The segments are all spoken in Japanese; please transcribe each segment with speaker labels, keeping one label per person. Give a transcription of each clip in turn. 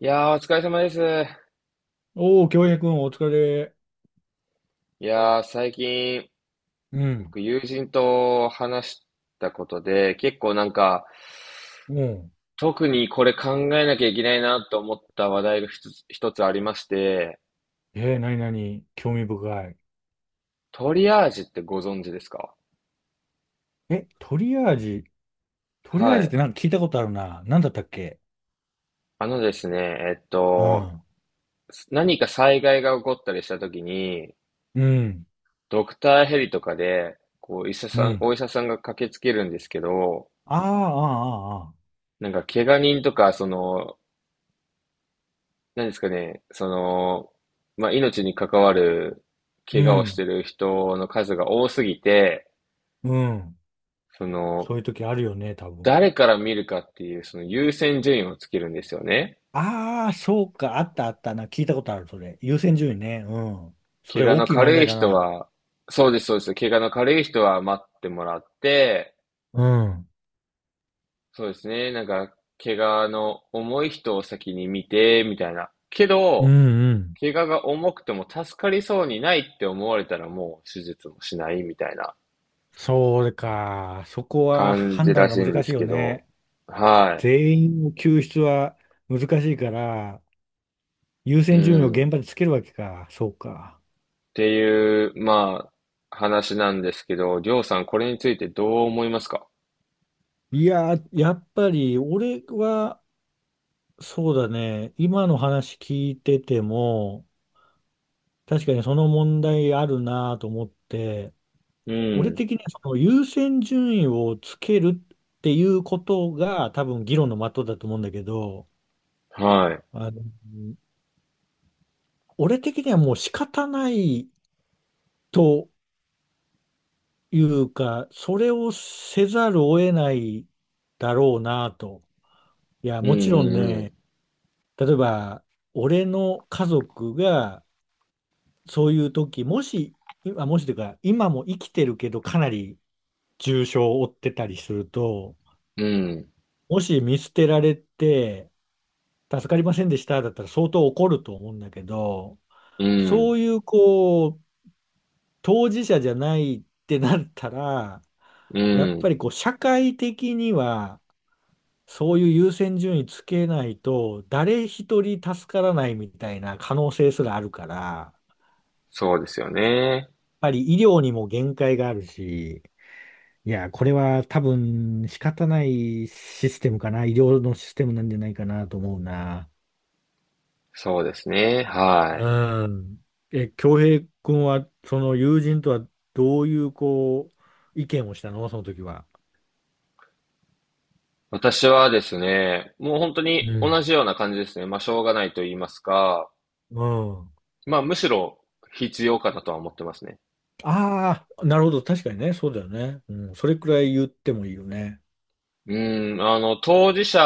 Speaker 1: いやー、お疲れ様です。
Speaker 2: おー、京平くん、お疲れ。
Speaker 1: いやー、最近、
Speaker 2: うん。
Speaker 1: 僕、友人と話したことで、結構なんか、
Speaker 2: うん。
Speaker 1: 特にこれ考えなきゃいけないなと思った話題が一つありまして、
Speaker 2: なになに、興味深い。
Speaker 1: トリアージってご存知ですか？
Speaker 2: え、トリアージ、トリアー
Speaker 1: は
Speaker 2: ジっ
Speaker 1: い。
Speaker 2: てなんか聞いたことあるな。なんだったっけ。
Speaker 1: あのですね、
Speaker 2: うん。
Speaker 1: 何か災害が起こったりした時に、
Speaker 2: うん。
Speaker 1: ドクターヘリとかで、こう、医者
Speaker 2: う
Speaker 1: さん、
Speaker 2: ん。
Speaker 1: お医者さんが駆けつけるんですけど、
Speaker 2: ああ、ああ、あーあ
Speaker 1: なんか、怪我人とか、その、何ですかね、その、まあ、命に関わる
Speaker 2: ー。う
Speaker 1: 怪我をして
Speaker 2: ん。
Speaker 1: る人の数が多すぎて、
Speaker 2: うん。
Speaker 1: そ
Speaker 2: そう
Speaker 1: の、
Speaker 2: いう時あるよね、多分。
Speaker 1: 誰から見るかっていう、その優先順位をつけるんですよね。
Speaker 2: ああ、そうか。あったあったな。聞いたことある、それ。優先順位ね。うん。そ
Speaker 1: 怪
Speaker 2: れ
Speaker 1: 我
Speaker 2: 大
Speaker 1: の
Speaker 2: きい問
Speaker 1: 軽い
Speaker 2: 題だ
Speaker 1: 人
Speaker 2: な。
Speaker 1: は、そうです、そうです。怪我の軽い人は待ってもらって、
Speaker 2: うん。
Speaker 1: そうですね、なんか、怪我の重い人を先に見て、みたいな。け
Speaker 2: うん
Speaker 1: ど、
Speaker 2: うん。
Speaker 1: 怪我が重くても助かりそうにないって思われたらもう手術もしないみたいな
Speaker 2: そうか。そこは
Speaker 1: 感じ
Speaker 2: 判
Speaker 1: ら
Speaker 2: 断が
Speaker 1: しいん
Speaker 2: 難
Speaker 1: で
Speaker 2: しい
Speaker 1: す
Speaker 2: よ
Speaker 1: けど、
Speaker 2: ね。
Speaker 1: は
Speaker 2: 全員の救出は難しいから、優
Speaker 1: い。う
Speaker 2: 先順位を
Speaker 1: ん。っ
Speaker 2: 現場でつけるわけか。そうか。
Speaker 1: ていう、まあ、話なんですけど、りょうさん、これについてどう思いますか？
Speaker 2: いやー、やっぱり俺は、そうだね。今の話聞いてても、確かにその問題あるなと思って、
Speaker 1: う
Speaker 2: 俺
Speaker 1: ん。
Speaker 2: 的にはその優先順位をつけるっていうことが多分議論の的だと思うんだけど、
Speaker 1: は
Speaker 2: あの、俺的にはもう仕方ないというか、それをせざるを得ないだろうなと。いや、
Speaker 1: い。う
Speaker 2: もちろん
Speaker 1: んうん。
Speaker 2: ね、例えば、俺の家族が、そういう時、もし、今、もしというか、今も生きてるけど、かなり重傷を負ってたりすると、
Speaker 1: うん。
Speaker 2: もし見捨てられて、助かりませんでした、だったら相当怒ると思うんだけど、
Speaker 1: うん。うん。
Speaker 2: そういう、こう、当事者じゃないってなったら、
Speaker 1: う
Speaker 2: やっぱ
Speaker 1: ん。
Speaker 2: りこう、社会的には、そういう優先順位つけないと、誰一人助からないみたいな可能性すらあるから、やっ
Speaker 1: そうですよね。
Speaker 2: ぱり医療にも限界があるし、いや、これは多分仕方ないシステムかな、医療のシステムなんじゃないかなと思うな。
Speaker 1: そうですね。はい。
Speaker 2: うん。え、恭平君は、その友人とはどういう、こう、意見をしたのその時は。
Speaker 1: 私はですね、もう本当
Speaker 2: う
Speaker 1: に同
Speaker 2: ん。
Speaker 1: じような感じですね。まあ、しょうがないと言いますか、
Speaker 2: うん。
Speaker 1: まあ、むしろ必要かなとは思ってますね。
Speaker 2: ああ、なるほど。確かにね。そうだよね。うん。それくらい言ってもいいよね。
Speaker 1: うん、あの、当事者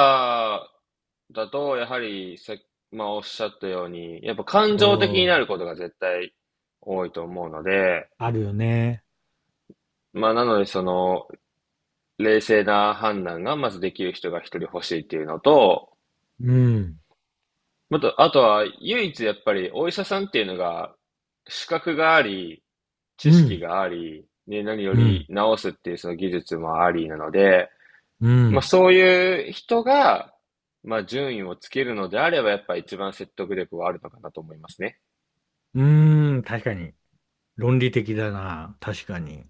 Speaker 1: だと、やはりまあ、おっしゃったように、やっぱ感
Speaker 2: う
Speaker 1: 情的になる
Speaker 2: ん。
Speaker 1: ことが絶対多いと思うので、
Speaker 2: あるよね。
Speaker 1: まあ、なので、その、冷静な判断がまずできる人が一人欲しいっていうのと、
Speaker 2: うん。
Speaker 1: あとは、唯一やっぱり、お医者さんっていうのが、資格があり、
Speaker 2: う
Speaker 1: 知識
Speaker 2: ん。
Speaker 1: があり、ね、何よ
Speaker 2: う
Speaker 1: り
Speaker 2: ん。
Speaker 1: 治すっていうその技術もありなので、
Speaker 2: う
Speaker 1: まあ、
Speaker 2: ん。
Speaker 1: そういう人が、まあ、順位をつけるのであれば、やっぱ一番説得力はあるのかなと思いますね。
Speaker 2: うーん。確かに。論理的だな。確かに。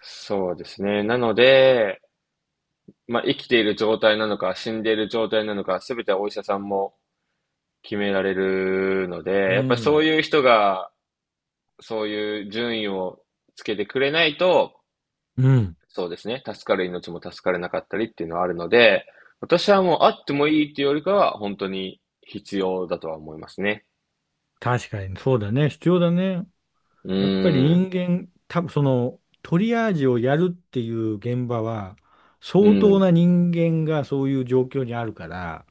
Speaker 1: そうですね。なので、まあ、生きている状態なのか、死んでいる状態なのか、すべてはお医者さんも決められるので、
Speaker 2: う
Speaker 1: やっぱりそう
Speaker 2: ん。
Speaker 1: いう人が、そういう順位をつけてくれないと、
Speaker 2: うん。
Speaker 1: そうですね、助かる命も助かれなかったりっていうのはあるので、私はもうあってもいいっていうよりかは、本当に必要だとは思いますね。
Speaker 2: 確かに。そうだね。必要だね。
Speaker 1: う
Speaker 2: やっぱり
Speaker 1: ーん、
Speaker 2: 人間、多分その、トリアージをやるっていう現場は、
Speaker 1: う
Speaker 2: 相当
Speaker 1: ん、
Speaker 2: な人間がそういう状況にあるから、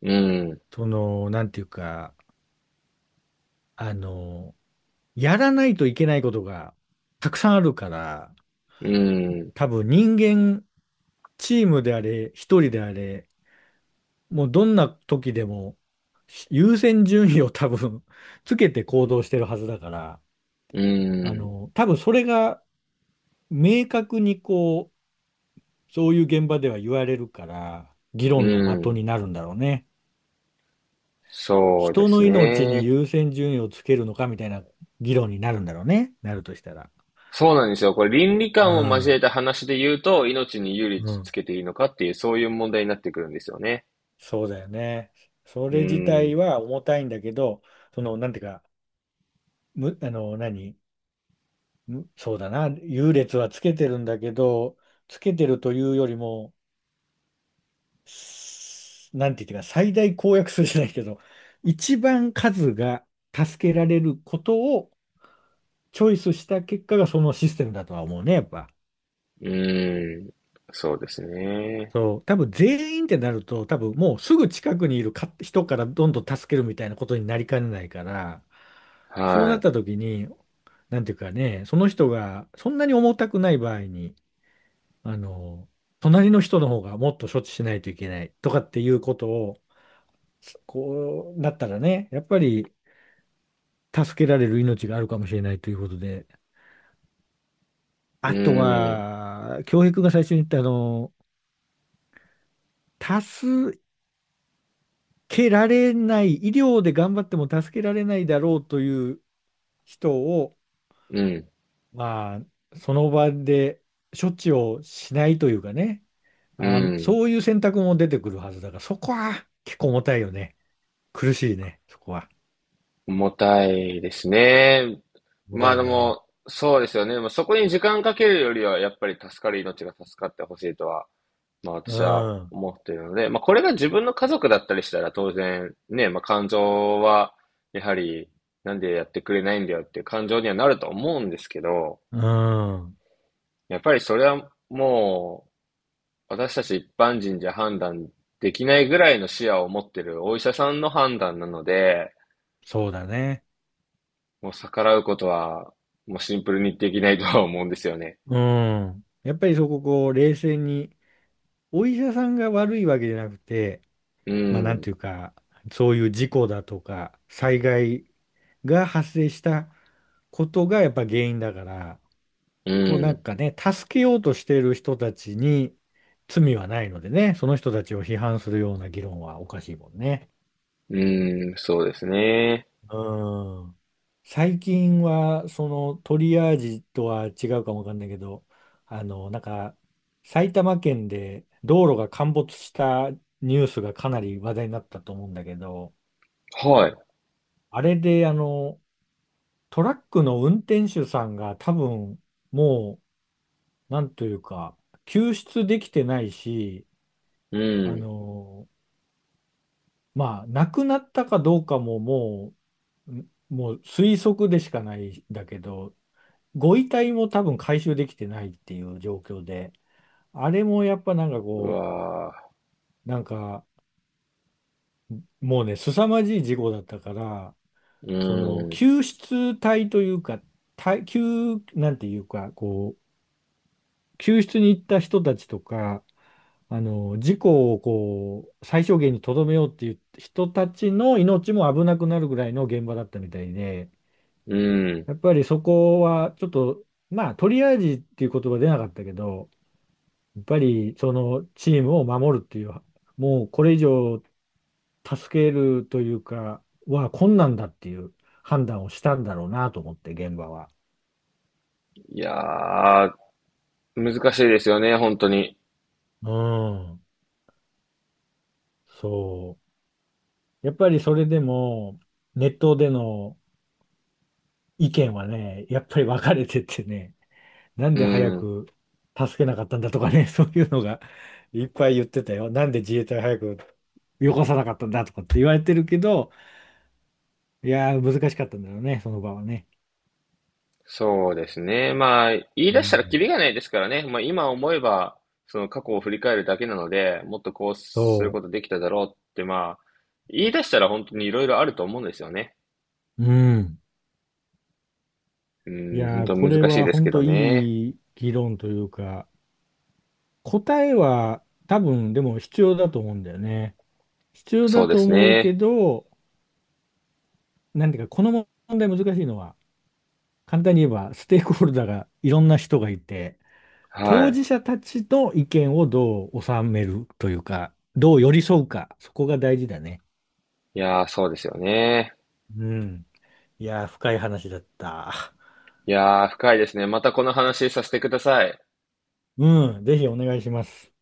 Speaker 1: うん、
Speaker 2: その、なんていうか、あの、やらないといけないことがたくさんあるから、
Speaker 1: うん、
Speaker 2: 多分人間、チームであれ、一人であれ、もうどんな時でも優先順位を 多分つけて行動してるはずだから、
Speaker 1: うん、
Speaker 2: 多分それが明確にこう、そういう現場では言われるから、議
Speaker 1: う
Speaker 2: 論の的
Speaker 1: ん、
Speaker 2: になるんだろうね。
Speaker 1: そうで
Speaker 2: 人
Speaker 1: す
Speaker 2: の命に
Speaker 1: ね。
Speaker 2: 優先順位をつけるのかみたいな議論になるんだろうね。なるとしたら。
Speaker 1: そうなんですよ。これ倫理
Speaker 2: う
Speaker 1: 観を交え
Speaker 2: ん。
Speaker 1: た話で言うと、命に有利
Speaker 2: うん、
Speaker 1: つけていいのかっていう、そういう問題になってくるんですよね。
Speaker 2: そうだよね。そ
Speaker 1: う
Speaker 2: れ自体
Speaker 1: ん。
Speaker 2: は重たいんだけど、その、なんていうか、む、あの、何、む、そうだな、優劣はつけてるんだけど、つけてるというよりも、なんていうか、最大公約数じゃないけど、一番数が助けられることをチョイスした結果がそのシステムだとは思うね、やっぱ。
Speaker 1: うん。そうですね。
Speaker 2: そう、多分全員ってなると、多分もうすぐ近くにいるか人からどんどん助けるみたいなことになりかねないから、そうなっ
Speaker 1: は
Speaker 2: た時に、なんていうかね、その人がそんなに重たくない場合に、あの、隣の人の方がもっと処置しないといけないとかっていうことを、こうなったらね、やっぱり助けられる命があるかもしれないということで、
Speaker 1: い。う
Speaker 2: あと
Speaker 1: ん。
Speaker 2: は、教育が最初に言ったあの、多数、けられない、医療で頑張っても助けられないだろうという人を、
Speaker 1: うん。
Speaker 2: まあ、その場で処置をしないというかね、
Speaker 1: う
Speaker 2: あ、
Speaker 1: ん。
Speaker 2: そういう選択も出てくるはずだから、そこは結構重たいよね。苦しいね、そこは。
Speaker 1: 重たいですね。
Speaker 2: 重
Speaker 1: ま
Speaker 2: た
Speaker 1: あ
Speaker 2: い
Speaker 1: で
Speaker 2: ね。
Speaker 1: も、そうですよね。まあ、そこに時間かけるよりは、やっぱり助かる命が助かってほしいとはまあ
Speaker 2: う
Speaker 1: 私は
Speaker 2: ん、
Speaker 1: 思っているので、まあこれが自分の家族だったりしたら当然ね、まあ感情はやはりなんでやってくれないんだよっていう感情にはなると思うんですけど、
Speaker 2: うん、
Speaker 1: やっぱりそれはもう私たち一般人じゃ判断できないぐらいの視野を持ってるお医者さんの判断なので、
Speaker 2: そうだね。
Speaker 1: もう逆らうことはもうシンプルにできないとは思うんですよね。
Speaker 2: うん。やっぱりそこ、こう、冷静に、お医者さんが悪いわけじゃなくて、
Speaker 1: う
Speaker 2: まあなん
Speaker 1: ん、
Speaker 2: ていうか、そういう事故だとか、災害が発生したことがやっぱ原因だから、
Speaker 1: う
Speaker 2: こうなん
Speaker 1: ん、
Speaker 2: かね、助けようとしている人たちに罪はないのでね、その人たちを批判するような議論はおかしいもんね。
Speaker 1: うん、そうですね。
Speaker 2: うん。最近は、そのトリアージとは違うかもわかんないけど、なんか、埼玉県で道路が陥没したニュースがかなり話題になったと思うんだけど、
Speaker 1: はい。
Speaker 2: あれで、トラックの運転手さんが多分、もう、なんというか、救出できてないし、
Speaker 1: う
Speaker 2: あ
Speaker 1: ん。
Speaker 2: の、まあ、亡くなったかどうかももう、推測でしかないんだけど、ご遺体も多分回収できてないっていう状況で、あれもやっぱなんか
Speaker 1: う
Speaker 2: こ
Speaker 1: わ
Speaker 2: う、なんか、もうね、凄まじい事故だったから、
Speaker 1: ー。う
Speaker 2: その、
Speaker 1: ん。
Speaker 2: 救出隊というか、なんていうか、こう、救出に行った人たちとか、事故をこう、最小限にとどめようっていう人たちの命も危なくなるぐらいの現場だったみたいで、
Speaker 1: うん。
Speaker 2: やっぱりそこはちょっと、まあ、トリアージっていう言葉出なかったけど、やっぱりそのチームを守るっていう、もうこれ以上助けるというか、は困難だっていう判断をしたんだろうなと思って、現場は。
Speaker 1: いやー、難しいですよね、本当に。
Speaker 2: うん、そう。やっぱりそれでも、ネットでの意見はね、やっぱり分かれててね、なん
Speaker 1: う
Speaker 2: で早
Speaker 1: ん。
Speaker 2: く助けなかったんだとかね、そういうのが いっぱい言ってたよ。なんで自衛隊早くよこさなかったんだとかって言われてるけど、いやー、難しかったんだろうね、その場はね。
Speaker 1: そうですね。まあ、言い
Speaker 2: う
Speaker 1: 出したらキ
Speaker 2: ん。
Speaker 1: リがないですからね。まあ、今思えば、その過去を振り返るだけなので、もっとこうする
Speaker 2: そ
Speaker 1: ことできただろうって、まあ、言い出したら本当にいろいろあると思うんですよね。
Speaker 2: う。うん。
Speaker 1: う
Speaker 2: い
Speaker 1: ん、本
Speaker 2: やー、
Speaker 1: 当
Speaker 2: こ
Speaker 1: 難
Speaker 2: れ
Speaker 1: しい
Speaker 2: は
Speaker 1: です
Speaker 2: 本
Speaker 1: けど
Speaker 2: 当
Speaker 1: ね。
Speaker 2: いい議論というか、答えは多分でも必要だと思うんだよね。必要
Speaker 1: そ
Speaker 2: だ
Speaker 1: うで
Speaker 2: と
Speaker 1: す
Speaker 2: 思うけ
Speaker 1: ね。
Speaker 2: ど、なんていうか、この問題難しいのは、簡単に言えば、ステークホルダーがいろんな人がいて、
Speaker 1: は
Speaker 2: 当
Speaker 1: い。
Speaker 2: 事者たちの意見をどう収めるというか、どう寄り添うか、そこが大事だね。
Speaker 1: いやー、そうですよね。
Speaker 2: うん。いやー、深い話だった。
Speaker 1: いやー、深いですね。またこの話させてください。
Speaker 2: うん、ぜひお願いします。